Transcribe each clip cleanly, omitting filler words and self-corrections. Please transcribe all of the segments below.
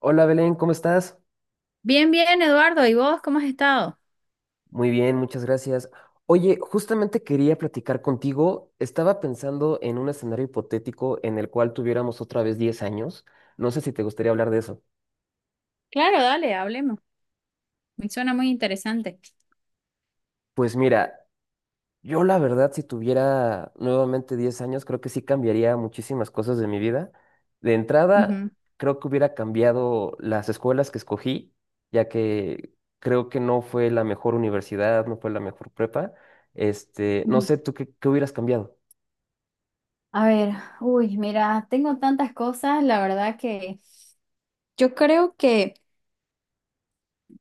Hola Belén, ¿cómo estás? Bien, bien, Eduardo. ¿Y vos cómo has estado? Muy bien, muchas gracias. Oye, justamente quería platicar contigo. Estaba pensando en un escenario hipotético en el cual tuviéramos otra vez 10 años. No sé si te gustaría hablar de eso. Claro, dale, hablemos. Me suena muy interesante. Pues mira, yo la verdad, si tuviera nuevamente 10 años, creo que sí cambiaría muchísimas cosas de mi vida. De entrada, Ujú. creo que hubiera cambiado las escuelas que escogí, ya que creo que no fue la mejor universidad, no fue la mejor prepa. No Ujú. sé, ¿tú qué hubieras cambiado? A ver, uy, mira, tengo tantas cosas, la verdad que yo creo que,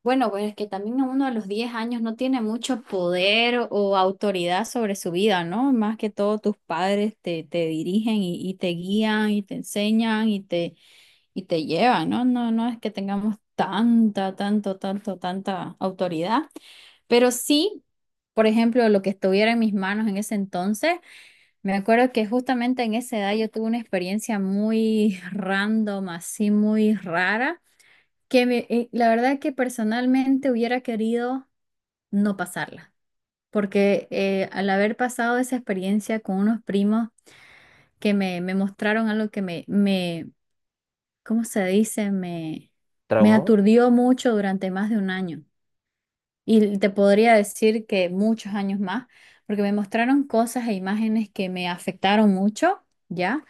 bueno, pues es que también uno a los 10 años no tiene mucho poder o autoridad sobre su vida, ¿no? Más que todo tus padres te dirigen y te guían y te enseñan y te llevan, ¿no? No, no es que tengamos tanta, tanta autoridad, pero sí, por ejemplo, lo que estuviera en mis manos en ese entonces, me acuerdo que justamente en esa edad yo tuve una experiencia muy random, así muy rara, la verdad que personalmente hubiera querido no pasarla, porque al haber pasado esa experiencia con unos primos que me mostraron algo que me, ¿cómo se dice? Me ¿Traumó? aturdió mucho durante más de un año. Y te podría decir que muchos años más, porque me mostraron cosas e imágenes que me afectaron mucho, ¿ya?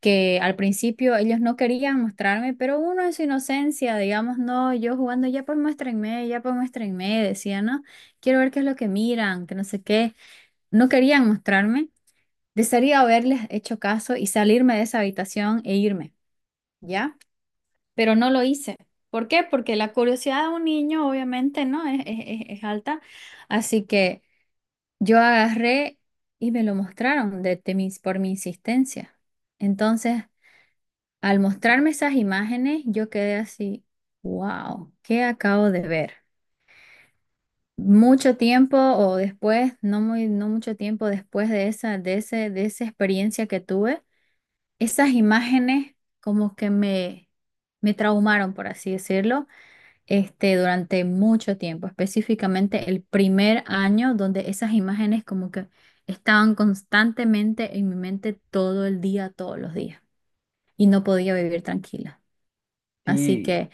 Que al principio ellos no querían mostrarme, pero uno en su inocencia, digamos, no, yo jugando, ya pues muéstrenme, decía, ¿no? Quiero ver qué es lo que miran, que no sé qué. No querían mostrarme. Desearía haberles hecho caso y salirme de esa habitación e irme, ¿ya? Pero no lo hice. ¿Por qué? Porque la curiosidad de un niño, obviamente, ¿no? Es alta. Así que yo agarré y me lo mostraron por mi insistencia. Entonces, al mostrarme esas imágenes, yo quedé así, wow, ¿qué acabo de ver? Mucho tiempo o después, no muy, no mucho tiempo después de de esa experiencia que tuve, esas imágenes como que me traumaron, por así decirlo, este, durante mucho tiempo, específicamente el primer año, donde esas imágenes como que estaban constantemente en mi mente todo el día, todos los días, y no podía vivir tranquila. Así Sí, que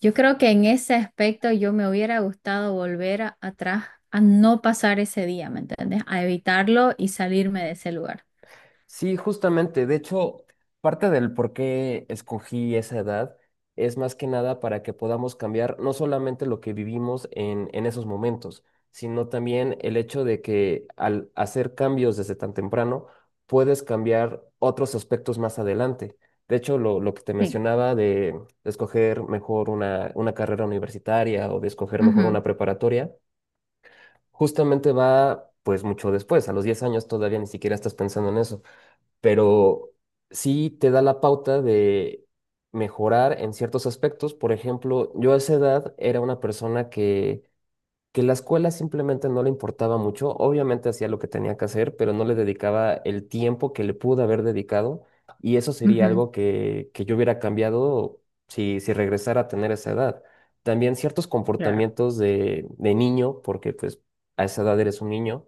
yo creo que en ese aspecto yo me hubiera gustado volver atrás a no pasar ese día, ¿me entiendes? A evitarlo y salirme de ese lugar. sí, justamente. De hecho, parte del por qué escogí esa edad es más que nada para que podamos cambiar no solamente lo que vivimos en esos momentos, sino también el hecho de que al hacer cambios desde tan temprano, puedes cambiar otros aspectos más adelante. De hecho, lo que te Sí. mencionaba de escoger mejor una carrera universitaria o de escoger mejor una preparatoria. Justamente va pues mucho después, a los 10 años todavía ni siquiera estás pensando en eso, pero sí te da la pauta de mejorar en ciertos aspectos. Por ejemplo, yo a esa edad era una persona que la escuela simplemente no le importaba mucho, obviamente hacía lo que tenía que hacer, pero no le dedicaba el tiempo que le pudo haber dedicado, y eso Ujú, sería ujú. algo que yo hubiera cambiado si regresara a tener esa edad. También ciertos Claro. comportamientos de niño, porque pues a esa edad eres un niño,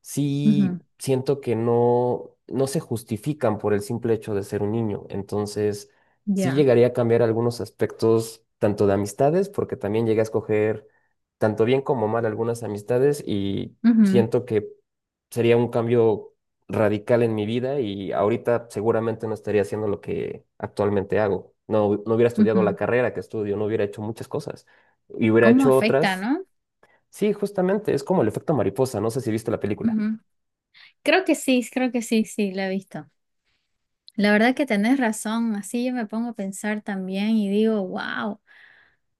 sí Ujú. siento que no, no se justifican por el simple hecho de ser un niño, entonces sí Ya. llegaría a cambiar algunos aspectos, tanto de amistades, porque también llegué a escoger tanto bien como mal algunas amistades y Ujú, siento que sería un cambio radical en mi vida, y ahorita seguramente no estaría haciendo lo que actualmente hago. No, no hubiera estudiado la ujú. carrera que estudio, no hubiera hecho muchas cosas y hubiera ¿Cómo hecho afecta, otras. no? Sí, justamente, es como el efecto mariposa, no sé si viste la película. Ujú. Creo que sí, sí, la he visto. La verdad que tenés razón, así yo me pongo a pensar también y digo, wow,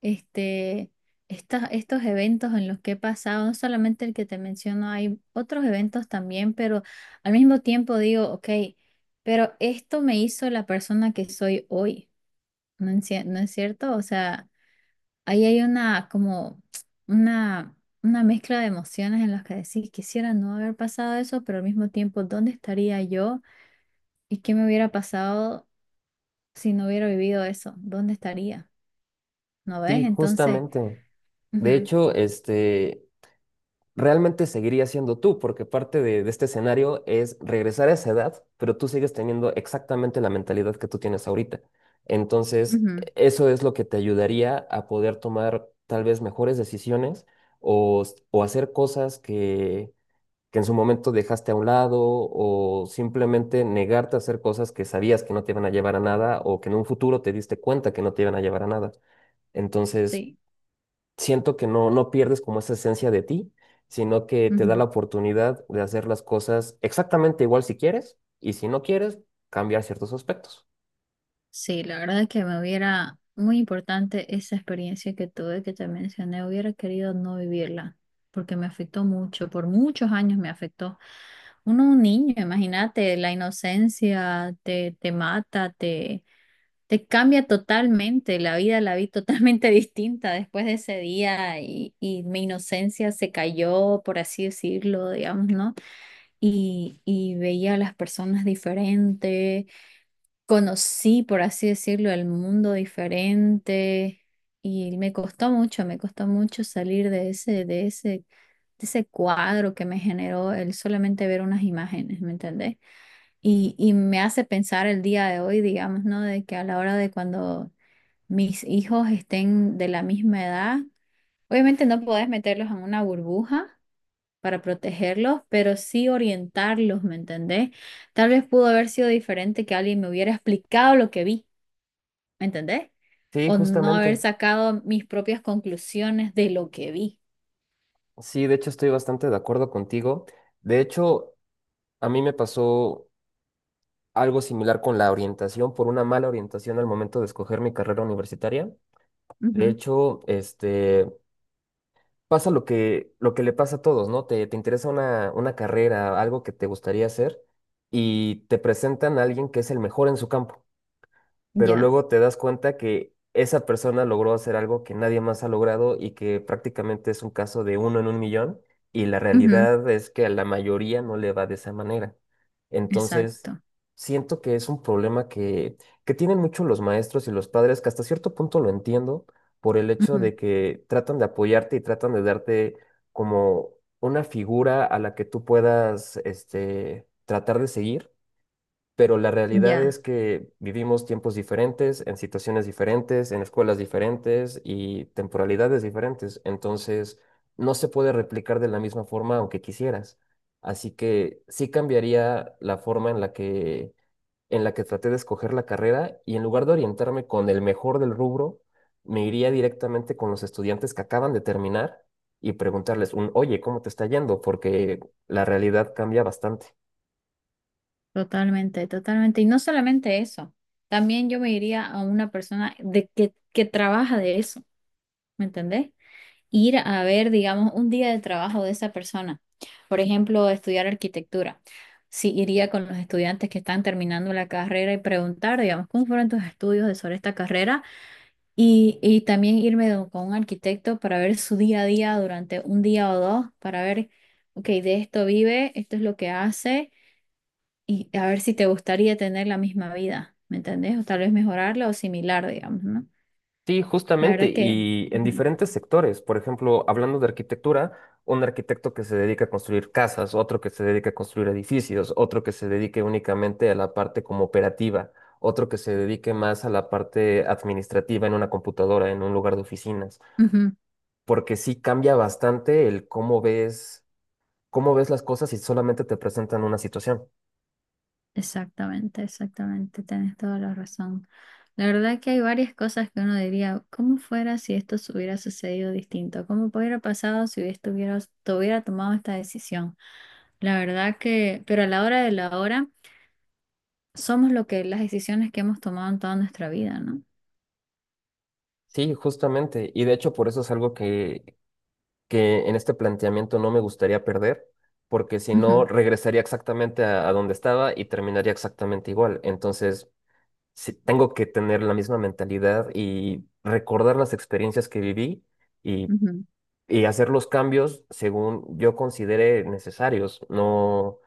este, estos eventos en los que he pasado, no solamente el que te menciono, hay otros eventos también, pero al mismo tiempo digo, ok, pero esto me hizo la persona que soy hoy, ¿no es, no es cierto? O sea, ahí hay una como una... Una mezcla de emociones en las que decís, quisiera no haber pasado eso, pero al mismo tiempo, ¿dónde estaría yo? ¿Y qué me hubiera pasado si no hubiera vivido eso? ¿Dónde estaría? ¿No Sí, ves? Entonces, justamente. De ujú, hecho, realmente seguirías siendo tú, porque parte de este escenario es regresar a esa edad, pero tú sigues teniendo exactamente la mentalidad que tú tienes ahorita. Entonces, ujú, eso es lo que te ayudaría a poder tomar tal vez mejores decisiones o hacer cosas que en su momento dejaste a un lado, o simplemente negarte a hacer cosas que sabías que no te iban a llevar a nada, o que en un futuro te diste cuenta que no te iban a llevar a nada. Entonces, sí, siento que no, no pierdes como esa esencia de ti, sino que te da ujú. la oportunidad de hacer las cosas exactamente igual si quieres, y si no quieres, cambiar ciertos aspectos. Sí, la verdad es que me hubiera, muy importante esa experiencia que tuve, que te mencioné, hubiera querido no vivirla, porque me afectó mucho, por muchos años me afectó. Uno, un niño, imagínate, la inocencia te mata, te Te cambia totalmente, la vida la vi totalmente distinta después de ese día y mi inocencia se cayó, por así decirlo, digamos, ¿no? Y veía a las personas diferentes, conocí, por así decirlo, el mundo diferente y me costó mucho salir de de ese cuadro que me generó el solamente ver unas imágenes, ¿me entendés? Y me hace pensar el día de hoy, digamos, ¿no? De que a la hora de cuando mis hijos estén de la misma edad. Obviamente no podés meterlos en una burbuja para protegerlos, pero sí orientarlos, ¿me entendés? Tal vez pudo haber sido diferente que alguien me hubiera explicado lo que vi, ¿me entendés? Sí, O no haber justamente. sacado mis propias conclusiones de lo que vi. Sí, de hecho estoy bastante de acuerdo contigo. De hecho, a mí me pasó algo similar con la orientación, por una mala orientación al momento de escoger mi carrera universitaria. De Ujú. hecho, pasa lo que le pasa a todos, ¿no? Te interesa una carrera, algo que te gustaría hacer, y te presentan a alguien que es el mejor en su campo, pero Ya, luego te das cuenta que esa persona logró hacer algo que nadie más ha logrado, y que prácticamente es un caso de uno en un millón, y la ujú, realidad es que a la mayoría no le va de esa manera. Entonces, exacto. siento que es un problema que tienen mucho los maestros y los padres, que hasta cierto punto lo entiendo por el hecho de Ujú. que tratan de apoyarte y tratan de darte como una figura a la que tú puedas, tratar de seguir, pero la realidad es Ya, que vivimos tiempos diferentes, en situaciones diferentes, en escuelas diferentes y temporalidades diferentes. Entonces, no se puede replicar de la misma forma aunque quisieras. Así que sí cambiaría la forma en la que traté de escoger la carrera, y en lugar de orientarme con el mejor del rubro, me iría directamente con los estudiantes que acaban de terminar y preguntarles un, oye, ¿cómo te está yendo? Porque la realidad cambia bastante. totalmente, totalmente. Y no solamente eso, también yo me iría a una persona que trabaja de eso, ¿me entendés? Ir a ver, digamos, un día de trabajo de esa persona. Por ejemplo, estudiar arquitectura. Sí, iría con los estudiantes que están terminando la carrera y preguntar, digamos, cómo fueron tus estudios sobre esta carrera y también irme con un arquitecto para ver su día a día durante un día o dos, para ver, ok, de esto vive, esto es lo que hace y a ver si te gustaría tener la misma vida, ¿me entendés? O tal vez mejorarla o similar, digamos, ¿no? Sí, La justamente, verdad que... y en ujú, diferentes sectores. Por ejemplo, hablando de arquitectura, un arquitecto que se dedica a construir casas, otro que se dedica a construir edificios, otro que se dedique únicamente a la parte como operativa, otro que se dedique más a la parte administrativa en una computadora, en un lugar de oficinas, ujú. porque sí cambia bastante el cómo ves las cosas si solamente te presentan una situación. Exactamente, exactamente, tenés toda la razón. La verdad que hay varias cosas que uno diría, ¿cómo fuera si esto se hubiera sucedido distinto? ¿Cómo hubiera pasado si estuviera, hubiera tomado esta decisión? La verdad que, pero a la hora de la hora, somos lo que las decisiones que hemos tomado en toda nuestra vida, ¿no? Sí, justamente, y de hecho por eso es algo que en este planteamiento no me gustaría perder, porque si no, Ujú, regresaría exactamente a donde estaba y terminaría exactamente igual. Entonces, sí, tengo que tener la misma mentalidad y recordar las experiencias que viví, y, ujú. y hacer los cambios según yo considere necesarios, no,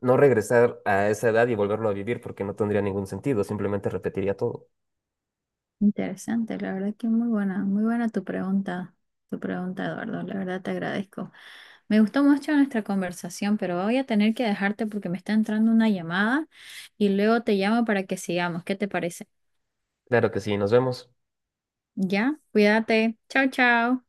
no regresar a esa edad y volverlo a vivir porque no tendría ningún sentido, simplemente repetiría todo. Interesante, la verdad que muy buena tu pregunta, Eduardo, la verdad te agradezco. Me gustó mucho nuestra conversación, pero voy a tener que dejarte porque me está entrando una llamada y luego te llamo para que sigamos. ¿Qué te parece? Claro que sí, nos vemos. Ya, cuídate. Chao, chao.